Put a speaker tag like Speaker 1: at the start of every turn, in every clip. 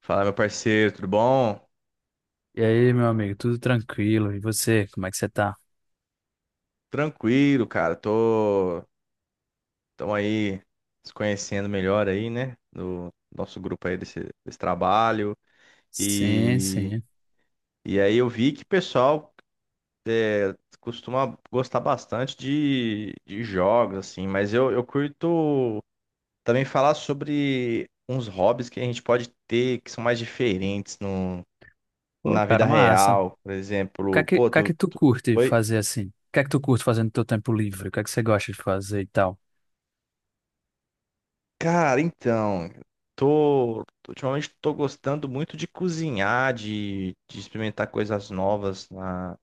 Speaker 1: Fala, meu parceiro, tudo bom?
Speaker 2: E aí, meu amigo, tudo tranquilo? E você, como é que você tá?
Speaker 1: Tranquilo, cara. Tô, tamo aí se conhecendo melhor aí, né? No nosso grupo aí desse trabalho.
Speaker 2: Sim,
Speaker 1: E,
Speaker 2: sim.
Speaker 1: e aí eu vi que o pessoal costuma gostar bastante de jogos, assim, mas eu curto também falar sobre uns hobbies que a gente pode ter que são mais diferentes no,
Speaker 2: Pô,
Speaker 1: na vida
Speaker 2: cara, massa.
Speaker 1: real. Por
Speaker 2: O que é
Speaker 1: exemplo,
Speaker 2: que, o
Speaker 1: pô,
Speaker 2: que é que tu curte
Speaker 1: Oi?
Speaker 2: fazer assim? O que é que tu curte fazer no teu tempo livre? O que é que você gosta de fazer e tal?
Speaker 1: Cara, então, tô, ultimamente tô gostando muito de cozinhar, de experimentar coisas novas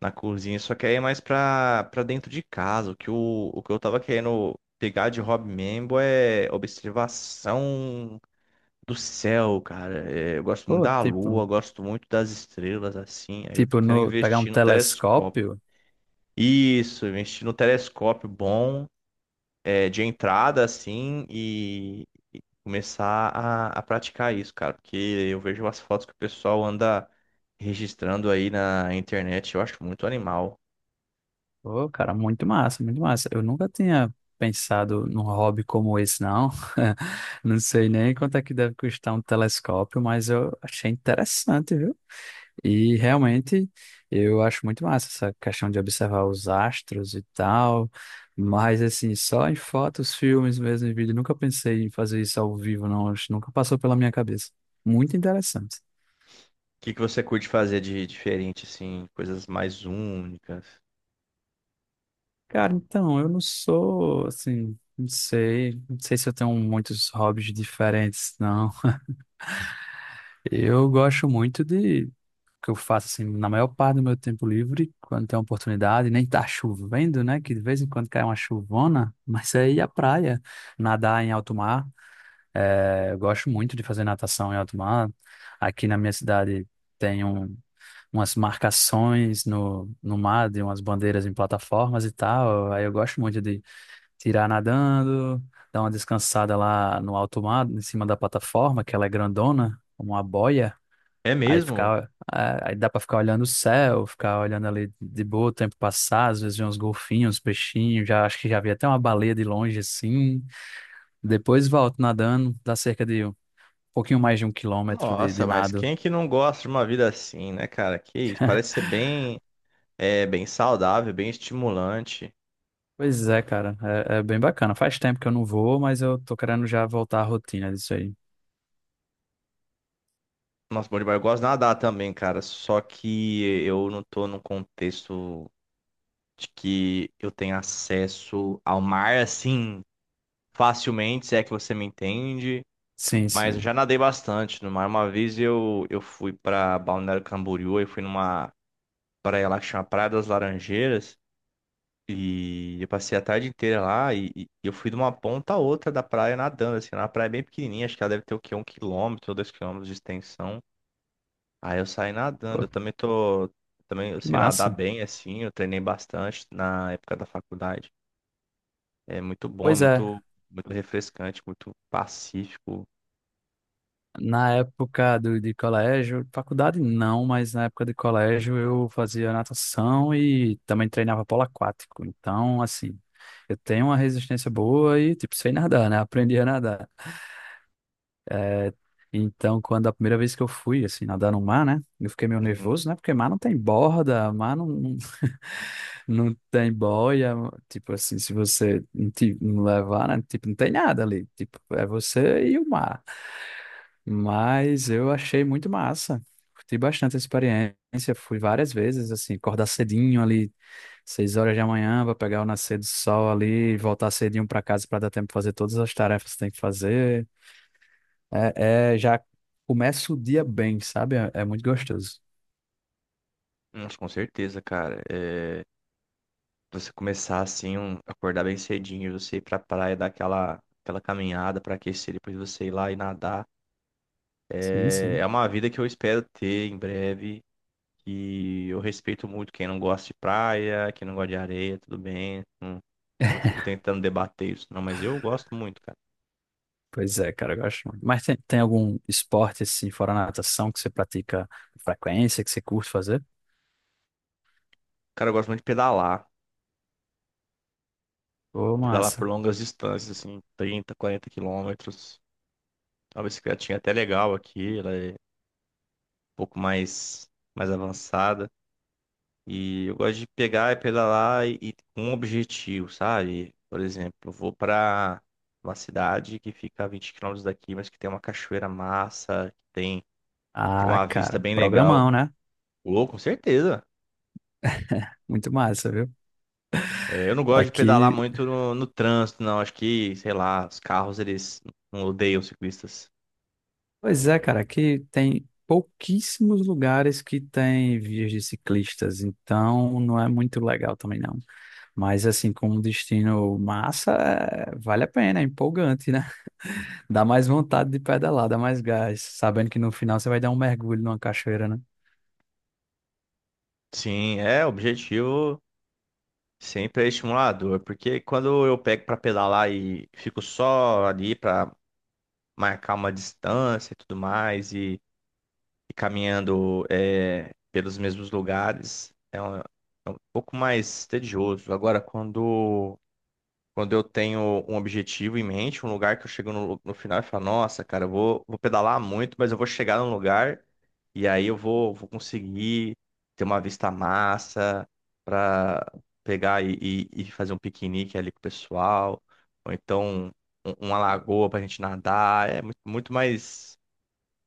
Speaker 1: na cozinha, só que aí é mais pra dentro de casa. O que eu tava querendo pegar de hobby mesmo é observação do céu, cara. É, eu gosto muito
Speaker 2: Pô,
Speaker 1: da lua,
Speaker 2: tipo,
Speaker 1: eu gosto muito das estrelas, assim. Aí eu tô
Speaker 2: tipo
Speaker 1: querendo
Speaker 2: no, pegar um
Speaker 1: investir no telescópio.
Speaker 2: telescópio?
Speaker 1: Isso, investir no telescópio bom, é, de entrada, assim, começar a praticar isso, cara, porque eu vejo as fotos que o pessoal anda registrando aí na internet, eu acho muito animal. O
Speaker 2: Pô, cara, muito massa, muito massa. Eu nunca tinha pensado num hobby como esse, não. Não sei nem quanto é que deve custar um telescópio, mas eu achei interessante, viu? E realmente eu acho muito massa essa questão de observar os astros e tal, mas assim, só em fotos, filmes mesmo, em vídeo, nunca pensei em fazer isso ao vivo, não, acho, nunca passou pela minha cabeça. Muito interessante.
Speaker 1: que que você curte fazer de diferente, assim, coisas mais únicas?
Speaker 2: Cara, então, eu não sou assim, não sei se eu tenho muitos hobbies diferentes, não. Eu gosto muito de que eu faço assim na maior parte do meu tempo livre, quando tem a oportunidade, nem tá chovendo, né? Que de vez em quando cai uma chuvona, mas é ir à praia, nadar em alto mar. É, eu gosto muito de fazer natação em alto mar. Aqui na minha cidade tem umas marcações no mar, de umas bandeiras em plataformas e tal. Aí eu gosto muito de tirar nadando, dar uma descansada lá no alto mar, em cima da plataforma, que ela é grandona, como uma boia.
Speaker 1: É
Speaker 2: Aí
Speaker 1: mesmo?
Speaker 2: ficar, é, aí dá pra ficar olhando o céu, ficar olhando ali de boa o tempo passar, às vezes ver uns golfinhos, uns peixinhos, já acho que já vi até uma baleia de longe assim. Depois volto nadando, dá cerca de um pouquinho mais de 1 quilômetro de
Speaker 1: Nossa, mas
Speaker 2: nado.
Speaker 1: quem é que não gosta de uma vida assim, né, cara? Que isso, parece ser bem, é, bem saudável, bem estimulante.
Speaker 2: Pois é, cara, é bem bacana. Faz tempo que eu não vou, mas eu tô querendo já voltar à rotina disso aí.
Speaker 1: Nossa, bom demais. Eu gosto de nadar também, cara, só que eu não tô num contexto de que eu tenha acesso ao mar assim facilmente, se é que você me entende.
Speaker 2: Sim,
Speaker 1: Mas eu
Speaker 2: sim.
Speaker 1: já nadei bastante no mar. Uma vez eu fui pra Balneário Camboriú, eu fui numa praia lá que chama Praia das Laranjeiras. E eu passei a tarde inteira lá e eu fui de uma ponta a outra da praia nadando, assim, era uma praia bem pequenininha, acho que ela deve ter o quê? 1 km ou 2 km de extensão. Aí eu saí nadando, eu
Speaker 2: Pô,
Speaker 1: também tô, também eu
Speaker 2: que
Speaker 1: sei nadar
Speaker 2: massa.
Speaker 1: bem, assim, eu treinei bastante na época da faculdade. É muito bom, é
Speaker 2: Pois é.
Speaker 1: muito, muito refrescante, muito pacífico.
Speaker 2: Na época de colégio, faculdade não, mas na época de colégio eu fazia natação e também treinava polo aquático. Então, assim, eu tenho uma resistência boa e, tipo, sei nadar, né? Aprendi a nadar. É, então, quando a primeira vez que eu fui, assim, nadar no mar, né? Eu fiquei meio
Speaker 1: Uhum.
Speaker 2: nervoso, né? Porque mar não tem borda, mar não não tem boia. Tipo assim, se você não levar, né? Tipo, não tem nada ali. Tipo, é você e o mar. Mas eu achei muito massa. Curti bastante a experiência. Fui várias vezes, assim, acordar cedinho ali, 6 horas da manhã, para pegar o nascer do sol ali, voltar cedinho para casa para dar tempo de fazer todas as tarefas que tem que fazer. É, já começa o dia bem, sabe? É muito gostoso.
Speaker 1: Nossa, com certeza, cara. É, você começar assim, acordar bem cedinho, você ir pra praia, dar aquela caminhada pra aquecer, depois você ir lá e nadar.
Speaker 2: Sim,
Speaker 1: É, é
Speaker 2: sim.
Speaker 1: uma vida que eu espero ter em breve. E eu respeito muito quem não gosta de praia, quem não gosta de areia, tudo bem. Não, não fico tentando debater isso, não, mas eu gosto muito, cara.
Speaker 2: Pois é, cara, eu gosto muito. Mas tem algum esporte, assim, fora a natação, que você pratica com frequência, que você curte fazer?
Speaker 1: Cara, eu gosto muito de pedalar.
Speaker 2: Ô,
Speaker 1: Pedalar por
Speaker 2: massa.
Speaker 1: longas distâncias, assim, 30 40 km. A bicicletinha é até legal aqui, ela é um pouco mais, mais avançada. E eu gosto de pegar e pedalar e com um objetivo, sabe? Por exemplo, eu vou pra uma cidade que fica a 20 km daqui, mas que tem uma cachoeira massa, que tem, tem
Speaker 2: Ah,
Speaker 1: uma vista
Speaker 2: cara,
Speaker 1: bem legal.
Speaker 2: programão, né?
Speaker 1: Louco, com certeza.
Speaker 2: Muito massa, viu?
Speaker 1: É, eu não gosto de pedalar
Speaker 2: Aqui
Speaker 1: muito no trânsito, não. Acho que, sei lá, os carros eles não odeiam ciclistas.
Speaker 2: Pois é, cara, aqui tem pouquíssimos lugares que tem vias de ciclistas, então não é muito legal também não. Mas assim, como destino massa, vale a pena, é empolgante, né? Dá mais vontade de pedalar, dá mais gás, sabendo que no final você vai dar um mergulho numa cachoeira, né?
Speaker 1: Sim, é, o objetivo sempre é estimulador, porque quando eu pego pra pedalar e fico só ali pra marcar uma distância e tudo mais e caminhando é, pelos mesmos lugares é um pouco mais tedioso. Agora, quando eu tenho um objetivo em mente, um lugar que eu chego no final e falo, nossa, cara, vou pedalar muito, mas eu vou chegar num lugar e aí vou conseguir ter uma vista massa para pegar e fazer um piquenique ali com o pessoal, ou então uma lagoa pra gente nadar, é muito,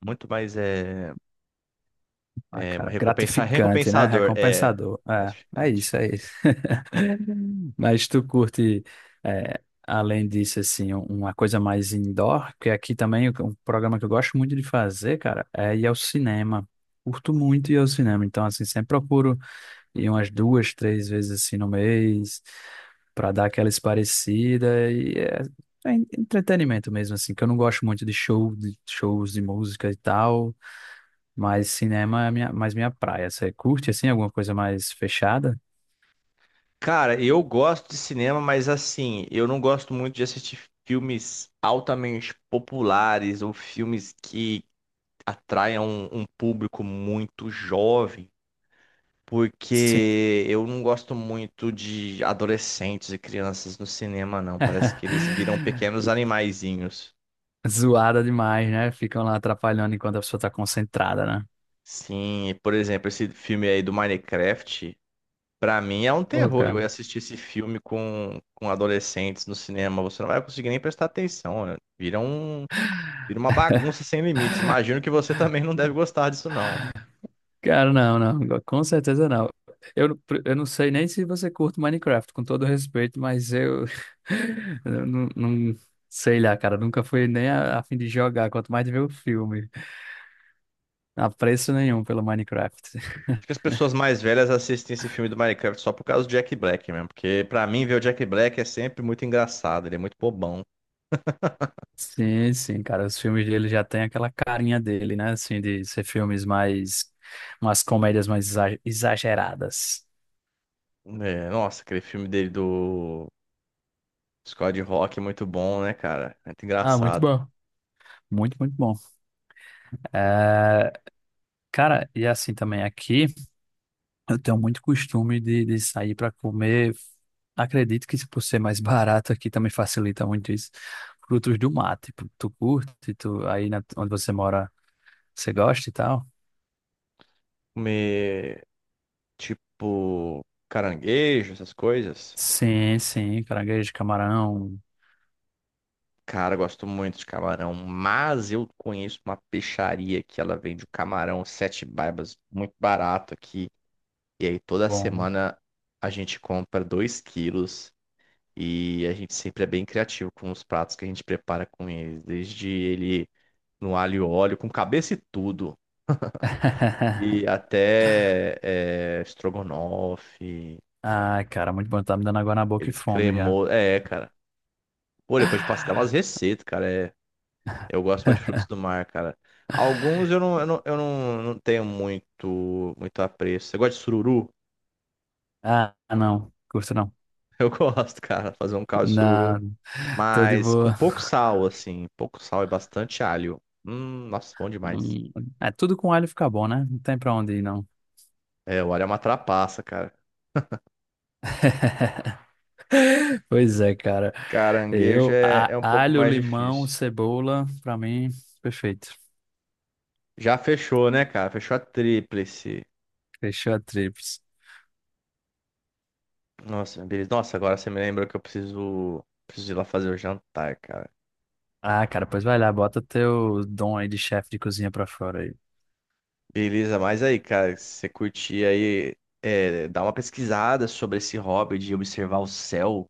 Speaker 1: muito mais é,
Speaker 2: Ah,
Speaker 1: é,
Speaker 2: cara, gratificante, né?
Speaker 1: recompensador, é.
Speaker 2: Recompensador. É
Speaker 1: Gratificante.
Speaker 2: isso, é
Speaker 1: Isso.
Speaker 2: isso. Mas tu curte, é, além disso, assim, uma coisa mais indoor, que aqui também um programa que eu gosto muito de fazer, cara, é ir ao cinema. Curto muito ir ao cinema, então, assim, sempre procuro ir umas duas, três vezes, assim, no mês, para dar aquela esparecida e é entretenimento mesmo, assim, que eu não gosto muito de show, de shows de música e tal, mas cinema é mais minha praia. Você curte, assim, alguma coisa mais fechada?
Speaker 1: Cara, eu gosto de cinema, mas assim, eu não gosto muito de assistir filmes altamente populares ou filmes que atraiam um público muito jovem,
Speaker 2: Sim.
Speaker 1: porque eu não gosto muito de adolescentes e crianças no cinema, não. Parece que eles viram pequenos animaizinhos.
Speaker 2: Zoada demais, né? Ficam lá atrapalhando enquanto a pessoa tá concentrada, né?
Speaker 1: Sim, por exemplo, esse filme aí do Minecraft. Pra mim é um
Speaker 2: Pô,
Speaker 1: terror, eu
Speaker 2: cara.
Speaker 1: ia assistir esse filme com adolescentes no cinema. Você não vai conseguir nem prestar atenção, né? Vira uma bagunça sem limites. Imagino que você também não deve gostar disso, não.
Speaker 2: Cara, não, não. Com certeza não. Eu, eu não sei nem se você curte Minecraft, com todo respeito, mas eu, eu não sei lá, cara. Nunca fui nem a fim de jogar, quanto mais de ver o filme. Apreço nenhum pelo Minecraft.
Speaker 1: Acho que as pessoas mais velhas assistem esse filme do Minecraft só por causa do Jack Black mesmo. Porque pra mim ver o Jack Black é sempre muito engraçado. Ele é muito bobão.
Speaker 2: Sim, sim, cara. Os filmes dele já tem aquela carinha dele, né? Assim, de ser filmes mais. Umas comédias mais exageradas.
Speaker 1: É, nossa, aquele filme dele do Scott Rock é muito bom, né, cara? É muito
Speaker 2: Ah, muito
Speaker 1: engraçado.
Speaker 2: bom. Muito, muito bom. É, cara, e assim também aqui, eu tenho muito costume de sair para comer. Acredito que se por ser mais barato aqui também facilita muito isso. Frutos do mar, tipo, tu curte, aí na- onde você mora, você gosta e tal?
Speaker 1: Comer, tipo, caranguejo, essas coisas.
Speaker 2: Sim, sim, caranguejo, camarão,
Speaker 1: Cara, eu gosto muito de camarão, mas eu conheço uma peixaria que ela vende o camarão sete baibas muito barato aqui. E aí toda
Speaker 2: bom.
Speaker 1: semana a gente compra 2 kg e a gente sempre é bem criativo com os pratos que a gente prepara com eles, desde ele no alho e óleo, com cabeça e tudo, e até é, estrogonofe,
Speaker 2: Ai, cara, muito bom. Tá me dando água na boca e
Speaker 1: eles
Speaker 2: fome já.
Speaker 1: cremou, é, cara. Pô, depois de passar umas receitas, cara. É eu gosto muito de frutos do mar, cara. Alguns eu não, eu não, eu não, não tenho muito apreço. Você gosta de sururu?
Speaker 2: Ah, não. Curto não.
Speaker 1: Eu gosto, cara, fazer um caldo de sururu.
Speaker 2: Não, tô de
Speaker 1: Mas com
Speaker 2: boa.
Speaker 1: pouco sal, assim. Pouco sal e bastante alho. Nossa, bom demais.
Speaker 2: Hum, É, tudo com alho fica bom, né? Não tem pra onde ir, não.
Speaker 1: É, o alho é uma trapaça, cara.
Speaker 2: Pois é, cara.
Speaker 1: Caranguejo
Speaker 2: Eu,
Speaker 1: é, é um pouco
Speaker 2: alho,
Speaker 1: mais
Speaker 2: limão,
Speaker 1: difícil.
Speaker 2: cebola, pra mim, perfeito.
Speaker 1: Já fechou, né, cara? Fechou a tríplice.
Speaker 2: Fechou a tríplice.
Speaker 1: Nossa, beleza. Nossa, agora você me lembrou que eu preciso ir lá fazer o jantar, cara.
Speaker 2: Ah, cara, pois vai lá, bota teu dom aí de chefe de cozinha pra fora aí.
Speaker 1: Beleza, mas aí, cara, se você curtir aí, é, dá uma pesquisada sobre esse hobby de observar o céu.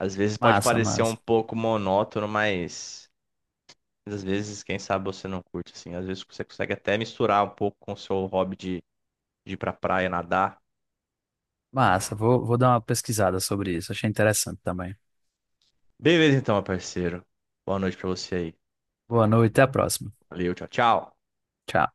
Speaker 1: Às vezes pode
Speaker 2: Massa,
Speaker 1: parecer um
Speaker 2: massa.
Speaker 1: pouco monótono, mas às vezes, quem sabe você não curte, assim. Às vezes você consegue até misturar um pouco com o seu hobby de ir pra praia nadar.
Speaker 2: Massa, vou dar uma pesquisada sobre isso. Achei interessante também.
Speaker 1: Beleza, então, meu parceiro. Boa noite pra você aí.
Speaker 2: Boa noite, até a próxima.
Speaker 1: Valeu, tchau, tchau.
Speaker 2: Tchau.